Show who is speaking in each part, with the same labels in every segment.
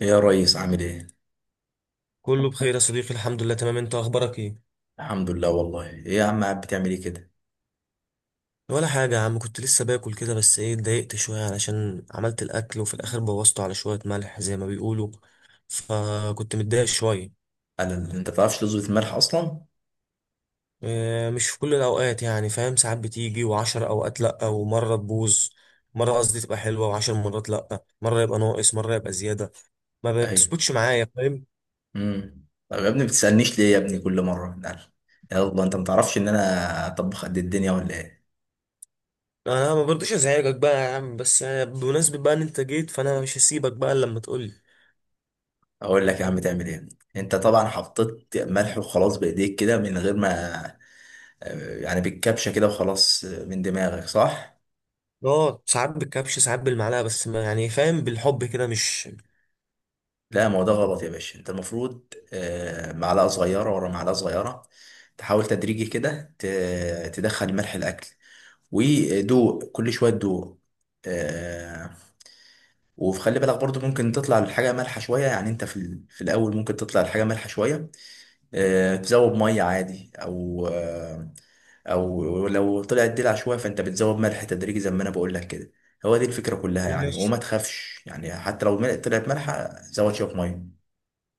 Speaker 1: يا ريس، عامل ايه؟
Speaker 2: كله بخير يا صديقي الحمد لله تمام انت اخبارك ايه
Speaker 1: الحمد لله. والله ايه يا عم، قاعد بتعمل ايه كده؟
Speaker 2: ولا حاجه يا عم، كنت لسه باكل كده، بس ايه اتضايقت شويه علشان عملت الاكل وفي الاخر بوظته على شويه ملح زي ما بيقولوا. فكنت متضايق شويه.
Speaker 1: انت بتعرفش تظبط الملح اصلا؟
Speaker 2: اه، مش في كل الاوقات يعني، فاهم، ساعات بتيجي وعشر اوقات لا ومره تبوظ. مره، قصدي تبقى حلوه وعشر مرات لا، مره يبقى ناقص مره يبقى زياده. ما
Speaker 1: ايوه.
Speaker 2: بتظبطش معايا، فاهم.
Speaker 1: طب يا ابني بتسألنيش ليه يا ابني كل مرة؟ قال، يلا انت ما تعرفش ان انا اطبخ قد الدنيا ولا ايه؟
Speaker 2: انا ما برضوش ازعجك بقى يا عم، بس بمناسبه بقى ان انت جيت فانا مش هسيبك بقى إلا لما تقولي.
Speaker 1: اقول لك يا عم تعمل ايه؟ انت طبعا حطيت ملح وخلاص بايديك كده من غير ما يعني بالكبشة كده وخلاص، من دماغك، صح؟
Speaker 2: اه، ساعات بالكبش ساعات بالمعلقه، بس ما يعني، فاهم، بالحب كده مش.
Speaker 1: لا، ما هو ده غلط يا باشا، انت المفروض معلقة صغيرة ورا معلقة صغيرة، تحاول تدريجي كده تدخل ملح الاكل، ودوق كل شويه تدوق. آه. وخلي بالك برضو ممكن تطلع الحاجه مالحه شويه، يعني انت في، في الاول ممكن تطلع الحاجه مالحه شويه. آه، تزود ميه عادي. او او لو طلعت دلع شويه، فانت بتزود ملح تدريجي زي ما انا بقول لك كده. هو دي الفكره كلها يعني.
Speaker 2: ماشي.
Speaker 1: وما تخافش، يعني حتى لو طلعت مالحه، زود شويه ميه.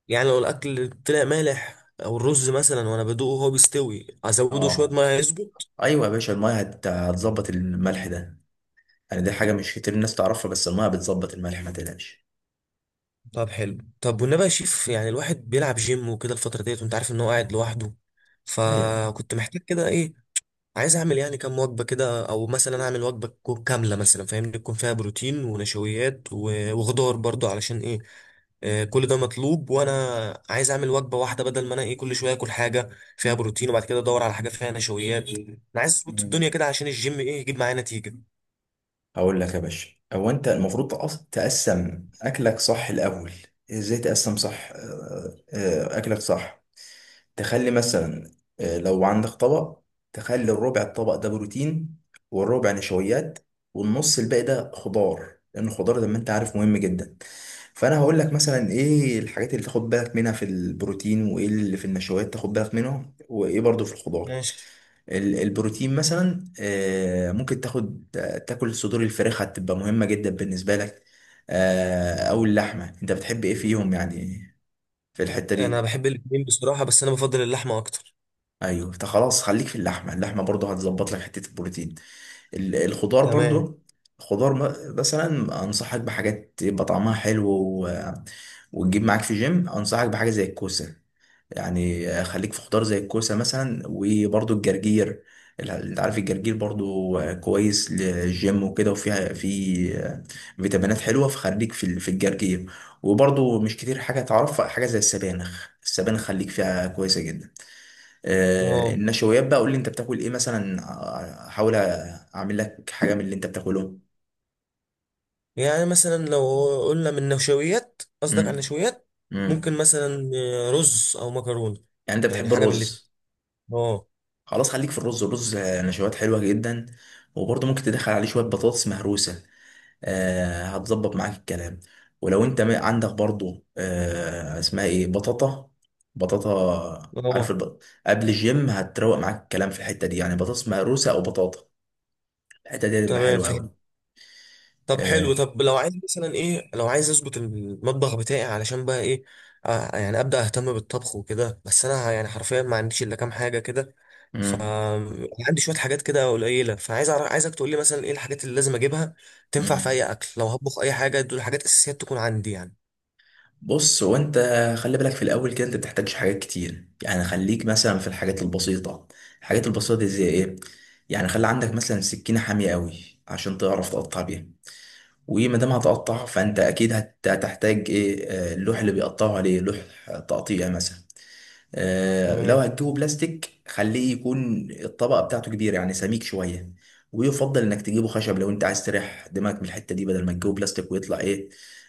Speaker 2: يعني لو الاكل طلع مالح او الرز مثلا وانا بدوقه وهو بيستوي، ازوده شويه
Speaker 1: اه.
Speaker 2: ميه يظبط؟
Speaker 1: ايوه يا باشا، الميه هتظبط الملح ده. يعني دي حاجه مش كتير الناس تعرفها، بس الميه بتظبط الملح، ما تقلقش.
Speaker 2: طب حلو، طب والنبي يا شيف، يعني الواحد بيلعب جيم وكده الفتره ديت، وانت عارف ان هو قاعد لوحده.
Speaker 1: ايوه.
Speaker 2: فكنت محتاج كده ايه. عايز اعمل يعني كام وجبه كده، او مثلا اعمل وجبه تكون كامله مثلا، فاهمني، تكون فيها بروتين ونشويات وخضار برضو، علشان ايه؟ كل ده مطلوب، وانا عايز اعمل وجبه واحده بدل ما انا ايه كل شويه اكل حاجه فيها بروتين، وبعد كده ادور على حاجه فيها نشويات. انا عايز اظبط الدنيا
Speaker 1: مم.
Speaker 2: كده عشان الجيم ايه يجيب معايا نتيجه.
Speaker 1: هقول لك يا باشا، هو انت المفروض تقسم اكلك صح الاول. ازاي تقسم صح؟ اكلك صح، تخلي مثلا، لو عندك طبق، تخلي الربع الطبق ده بروتين، والربع نشويات، والنص الباقي ده خضار. لان الخضار زي ما انت عارف مهم جدا. فانا هقول لك مثلا ايه الحاجات اللي تاخد بالك منها في البروتين، وايه اللي في النشويات تاخد بالك منها، وايه برضو في الخضار.
Speaker 2: ماشي.
Speaker 1: البروتين مثلا، ممكن تاخد، تاكل صدور الفراخ، هتبقى مهمة جدا بالنسبة لك. او اللحمة، انت بتحب ايه فيهم يعني، في الحتة
Speaker 2: انا
Speaker 1: دي؟
Speaker 2: بحب الاثنين بصراحه، بس انا بفضل اللحمه اكتر.
Speaker 1: ايوه، انت خلاص، خليك في اللحمة. اللحمة برضه هتظبط لك حتة البروتين. الخضار
Speaker 2: تمام.
Speaker 1: برضه، خضار مثلا انصحك بحاجات يبقى طعمها حلو، و... وتجيب معاك في جيم. انصحك بحاجة زي الكوسة، يعني خليك في خضار زي الكوسة مثلا، وبرضو الجرجير. انت عارف الجرجير برضو كويس للجيم وكده، وفيها في فيتامينات حلوة، فخليك في في الجرجير. وبرضو مش كتير حاجة تعرفها، حاجة زي السبانخ، السبانخ خليك فيها كويسة جدا.
Speaker 2: اه.
Speaker 1: النشويات بقى، قول لي انت بتاكل ايه مثلا، احاول اعمل لك حاجة من اللي انت بتاكله.
Speaker 2: يعني مثلا لو قلنا من نشويات، قصدك على
Speaker 1: امم
Speaker 2: النشويات؟
Speaker 1: امم
Speaker 2: ممكن مثلا رز او مكرونه.
Speaker 1: يعني انت
Speaker 2: يعني
Speaker 1: بتحب
Speaker 2: حاجه من الاتنين.
Speaker 1: الرز؟
Speaker 2: اه.
Speaker 1: خلاص، خليك في الرز. الرز نشويات حلوة جدا. وبرضه ممكن تدخل عليه شوية بطاطس مهروسة. آه، هتظبط معاك الكلام. ولو انت عندك برضو اسمها ايه، بطاطا. بطاطا، عارف
Speaker 2: اه.
Speaker 1: قبل الجيم هتروق معاك الكلام في الحتة دي، يعني بطاطس مهروسة او بطاطا. الحتة دي هتبقى
Speaker 2: تمام،
Speaker 1: حلوة
Speaker 2: فهمت.
Speaker 1: قوي.
Speaker 2: طب
Speaker 1: آه.
Speaker 2: حلو، طب لو عايز مثلا ايه، لو عايز اظبط المطبخ بتاعي علشان بقى ايه؟ يعني ابدا اهتم بالطبخ وكده، بس انا يعني حرفيا ما عنديش الا كام حاجه كده. ف
Speaker 1: مم.
Speaker 2: عندي شويه حاجات كده قليله، فعايز عايزك تقول لي مثلا ايه الحاجات اللي لازم اجيبها، تنفع في
Speaker 1: مم.
Speaker 2: اي اكل لو هطبخ اي حاجه. دول حاجات اساسيات تكون عندي يعني.
Speaker 1: بص، هو انت خلي بالك في الاول كده، انت بتحتاجش حاجات كتير، يعني خليك مثلا في الحاجات البسيطة. الحاجات البسيطة دي زي ايه؟ يعني خلي عندك مثلا سكينة حامية قوي، عشان تعرف تقطع بيها. وايه ما دام هتقطع، فانت اكيد هتحتاج ايه، اللوح اللي بيقطعوا عليه، لوح تقطيع مثلا. لو
Speaker 2: تمام.
Speaker 1: هتجيبه بلاستيك، خليه يكون الطبقه بتاعته كبيره، يعني سميك شويه. ويفضل انك تجيبه خشب لو انت عايز تريح دماغك من الحته دي، بدل ما تجيبه بلاستيك ويطلع ايه،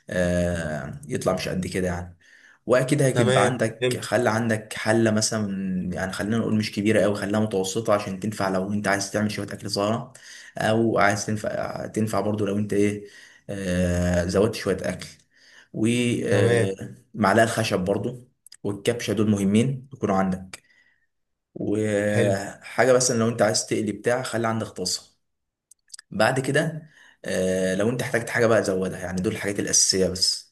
Speaker 1: يطلع مش قد كده يعني. واكيد هيبقى
Speaker 2: تمام،
Speaker 1: عندك،
Speaker 2: فهمت.
Speaker 1: خلى عندك حله مثلا. يعني خلينا نقول مش كبيره قوي، خليها متوسطه، عشان تنفع لو انت عايز تعمل شويه اكل صغيره، او عايز تنفع، تنفع برضو لو انت ايه، آه، زودت شويه اكل.
Speaker 2: تمام،
Speaker 1: ومعلقه الخشب برضو، والكبشه، دول مهمين يكونوا عندك.
Speaker 2: حلو.
Speaker 1: وحاجه مثلا لو انت عايز تقلي بتاع، خلي عندك طاسه. بعد كده، آه، لو انت احتجت حاجه بقى زودها. يعني دول الحاجات الاساسيه بس.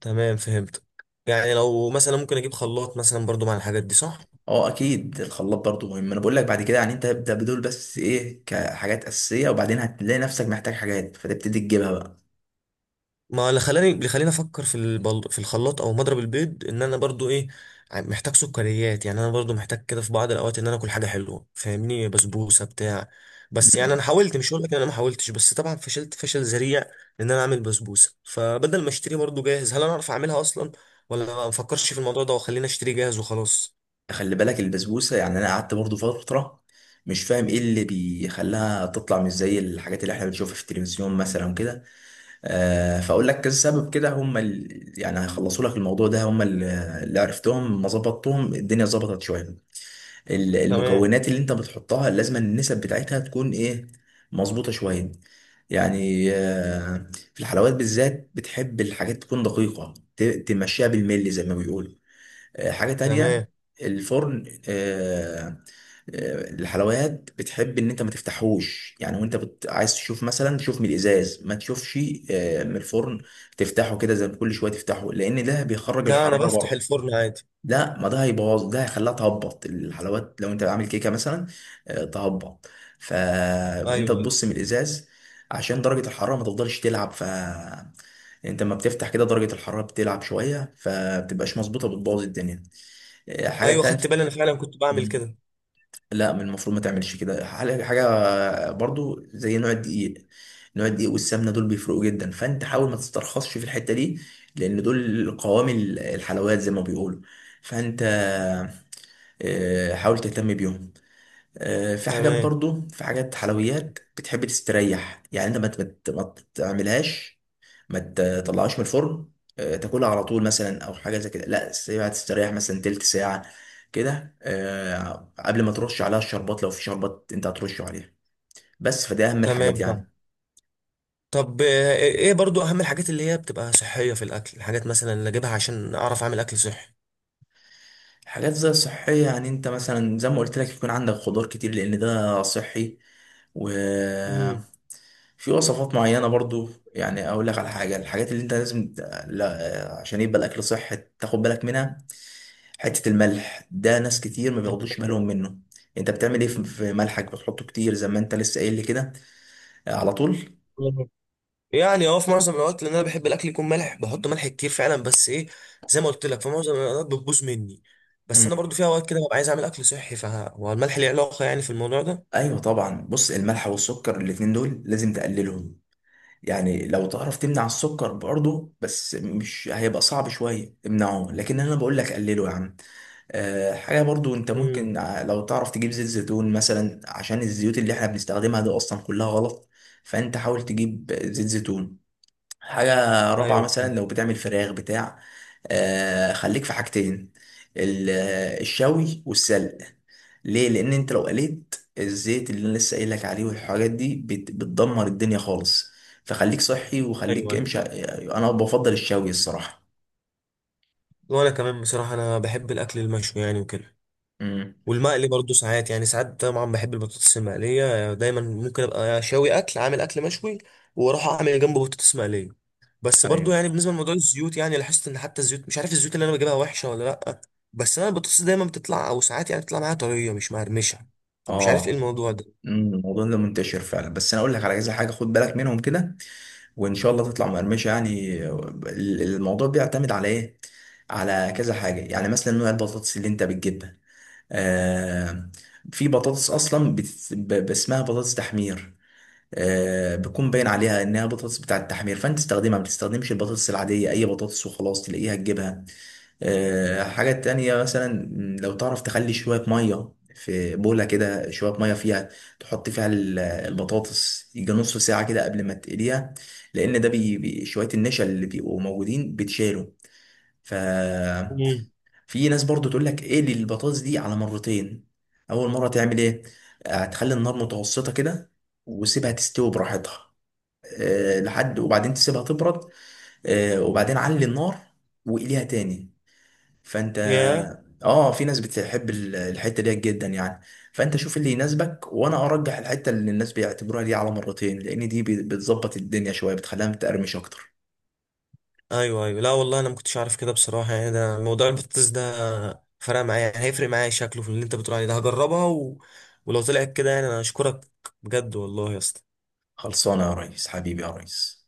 Speaker 2: تمام، فهمتك. يعني لو مثلا ممكن اجيب خلاط مثلا برضو مع الحاجات دي، صح؟
Speaker 1: اه، اكيد الخلاط برضو مهم، انا بقول لك بعد كده. يعني انت ابدا بدول بس ايه، كحاجات اساسيه، وبعدين هتلاقي نفسك محتاج حاجات فتبتدي تجيبها بقى.
Speaker 2: ما اللي خلاني افكر في الخلاط او مضرب البيض، ان انا برضو ايه، محتاج سكريات. يعني انا برضو محتاج كده في بعض الاوقات ان انا اكل حاجه حلوه، فاهمني، بسبوسه بتاع. بس يعني
Speaker 1: مم.
Speaker 2: انا حاولت، مش هقول لك ان انا ما حاولتش، بس طبعا فشلت فشل ذريع ان انا اعمل بسبوسه. فبدل ما اشتري برضو جاهز، هل انا اعرف اعملها اصلا، ولا ما بفكرش في الموضوع ده وخليني اشتري جاهز وخلاص؟
Speaker 1: خلي بالك البسبوسه، يعني انا قعدت برضو فتره مش فاهم ايه اللي بيخليها تطلع مش زي الحاجات اللي احنا بنشوفها في التلفزيون مثلا كده. آه، فاقول لك كذا سبب كده، هم يعني هيخلصوا لك الموضوع ده. هم اللي عرفتهم، ما ظبطتهم الدنيا، ظبطت شويه.
Speaker 2: تمام.
Speaker 1: المكونات اللي انت بتحطها، لازم النسب بتاعتها تكون ايه، مظبوطة شوية. يعني في الحلويات بالذات، بتحب الحاجات تكون دقيقة، تمشيها بالملي زي ما بيقولوا. حاجة تانية،
Speaker 2: تمام.
Speaker 1: الفرن. الحلويات بتحب ان انت ما تفتحوش، يعني وانت عايز تشوف مثلا، تشوف من الازاز، ما تشوفش من الفرن. تفتحه كده زي كل شويه تفتحه، لان ده بيخرج
Speaker 2: لا، انا
Speaker 1: الحراره
Speaker 2: بفتح
Speaker 1: بره.
Speaker 2: الفرن عادي.
Speaker 1: لا، ما ده هيبوظ، ده هيخليها تهبط الحلويات لو انت عامل كيكه مثلا، تهبط. فانت
Speaker 2: ايوه، ايوه.
Speaker 1: تبص من الازاز، عشان درجه الحراره ما تفضلش تلعب. فانت لما بتفتح كده، درجه الحراره بتلعب شويه، فبتبقاش مظبوطه، بتبوظ الدنيا. حاجه
Speaker 2: ايوه، خدت
Speaker 1: تانية.
Speaker 2: بالي، انا فعلا كنت بعمل
Speaker 1: مم.
Speaker 2: كده.
Speaker 1: لا، من المفروض ما تعملش كده. حاجة برضو زي نوع الدقيق. نوع الدقيق والسمنه دول بيفرقوا جدا، فانت حاول ما تسترخصش في الحته دي، لان دول قوام الحلويات زي ما بيقولوا. فانت حاول تهتم بيهم. في حاجات
Speaker 2: تمام.
Speaker 1: برضو، في حاجات حلويات بتحب تستريح، يعني انت ما تعملهاش، ما تطلعهاش من الفرن، تاكلها على طول مثلا، او حاجه زي كده. لا، سيبها تستريح مثلا تلت ساعه كده، قبل ما ترش عليها الشربات، لو في شربات انت هترشه عليها. بس، فده اهم
Speaker 2: تمام،
Speaker 1: الحاجات
Speaker 2: فاهم.
Speaker 1: يعني.
Speaker 2: طب ايه برضو اهم الحاجات اللي هي بتبقى صحيه في الاكل، الحاجات مثلا اللي اجيبها عشان اعرف اعمل اكل صحي؟
Speaker 1: حاجات زي الصحيه، يعني انت مثلا زي ما قلت لك يكون عندك خضار كتير، لان ده صحي. و...
Speaker 2: امم.
Speaker 1: في وصفات معينة برضو، يعني أقول لك على حاجة، الحاجات اللي أنت لازم لا، عشان يبقى الأكل صحي، تاخد بالك منها. حتة الملح ده، ناس كتير ما بياخدوش بالهم منه. أنت بتعمل إيه في ملحك، بتحطه كتير زي ما أنت لسه قايل لي كده، على طول؟
Speaker 2: يعني في معظم الاوقات، لان انا بحب الاكل يكون ملح، بحط ملح كتير فعلا. بس ايه، زي ما قلت لك في معظم الاوقات بتبوظ مني. بس
Speaker 1: مم.
Speaker 2: انا برضو في اوقات كده ببقى عايز اعمل اكل صحي، فهو الملح ليه علاقه يعني في الموضوع ده؟
Speaker 1: أيوه طبعا، بص، الملح والسكر الاتنين دول لازم تقللهم. يعني لو تعرف تمنع السكر برضه، بس مش هيبقى صعب شوية، امنعه. لكن أنا بقول لك قلله يا عم. حاجة برضو انت
Speaker 2: امم.
Speaker 1: ممكن لو تعرف تجيب زيت زيتون مثلا، عشان الزيوت اللي احنا بنستخدمها دي اصلا كلها غلط. فانت حاول تجيب زيت زيتون. حاجة رابعة،
Speaker 2: ايوه،
Speaker 1: مثلا لو بتعمل فراخ بتاع، خليك في حاجتين، ال- الشوي والسلق. ليه؟ لان انت لو قليت، الزيت اللي انا لسه قايل لك عليه والحاجات دي بتدمر الدنيا خالص. فخليك صحي
Speaker 2: ايوه،
Speaker 1: وخليك
Speaker 2: ايوه.
Speaker 1: امشي. انا بفضل الشوي الصراحة.
Speaker 2: وانا كمان بصراحه، انا بحب الاكل المشوي يعني وكده،
Speaker 1: امم.
Speaker 2: والمقلي برضه ساعات، يعني ساعات طبعا بحب البطاطس المقلية، دايما ممكن ابقى شاوي اكل، عامل اكل مشوي، واروح اعمل جنبه بطاطس مقلية. بس برضه
Speaker 1: ايوه.
Speaker 2: يعني بالنسبة لموضوع الزيوت، يعني لاحظت ان حتى الزيوت، مش عارف الزيوت اللي انا بجيبها وحشة ولا لا. بس انا البطاطس دايما بتطلع، او ساعات يعني بتطلع معايا طرية مش مقرمشة، فمش عارف ايه
Speaker 1: اه.
Speaker 2: الموضوع ده.
Speaker 1: الموضوع ده منتشر فعلا، بس انا اقول لك على كذا حاجه خد بالك منهم كده، وان شاء الله تطلع مقرمشه. يعني الموضوع بيعتمد على ايه؟ على كذا حاجه. يعني مثلا نوع البطاطس اللي انت بتجيبها. آه، في بطاطس اصلا اسمها بطاطس تحمير. آه، بيكون باين عليها انها بطاطس بتاعه التحمير، فانت تستخدمها، ما بتستخدمش البطاطس العاديه، اي بطاطس وخلاص تلاقيها تجيبها. حاجة تانية مثلا، لو تعرف تخلي شوية مية في بولة كده، شوية مية فيها، تحط فيها البطاطس، يجي نص ساعة كده قبل ما تقليها. لأن ده شوية النشا اللي بيبقوا موجودين بتشالوا. ففي
Speaker 2: امم.
Speaker 1: ناس برضو تقول لك اقلي البطاطس دي على مرتين. أول مرة تعمل إيه؟ هتخلي النار متوسطة كده، وسيبها تستوي براحتها، لحد، وبعدين تسيبها تبرد. وبعدين علي النار، وقليها تاني. فانت،
Speaker 2: يا
Speaker 1: اه في ناس بتحب الحته ديت جدا يعني. فانت شوف اللي يناسبك، وانا ارجح الحته اللي الناس بيعتبروها دي على مرتين، لان دي بتظبط الدنيا شويه، بتخليها متقرمش اكتر.
Speaker 2: ايوه، ايوه، لا والله، انا ما كنتش عارف كده بصراحة، يعني ده موضوع البطاطس ده فرق معايا، يعني هيفرق معايا شكله في اللي انت بتقول عليه ده. هجربها، ولو طلعت كده يعني، انا اشكرك بجد والله يا اسطى.
Speaker 1: خلصانه يا ريس، حبيبي يا ريس.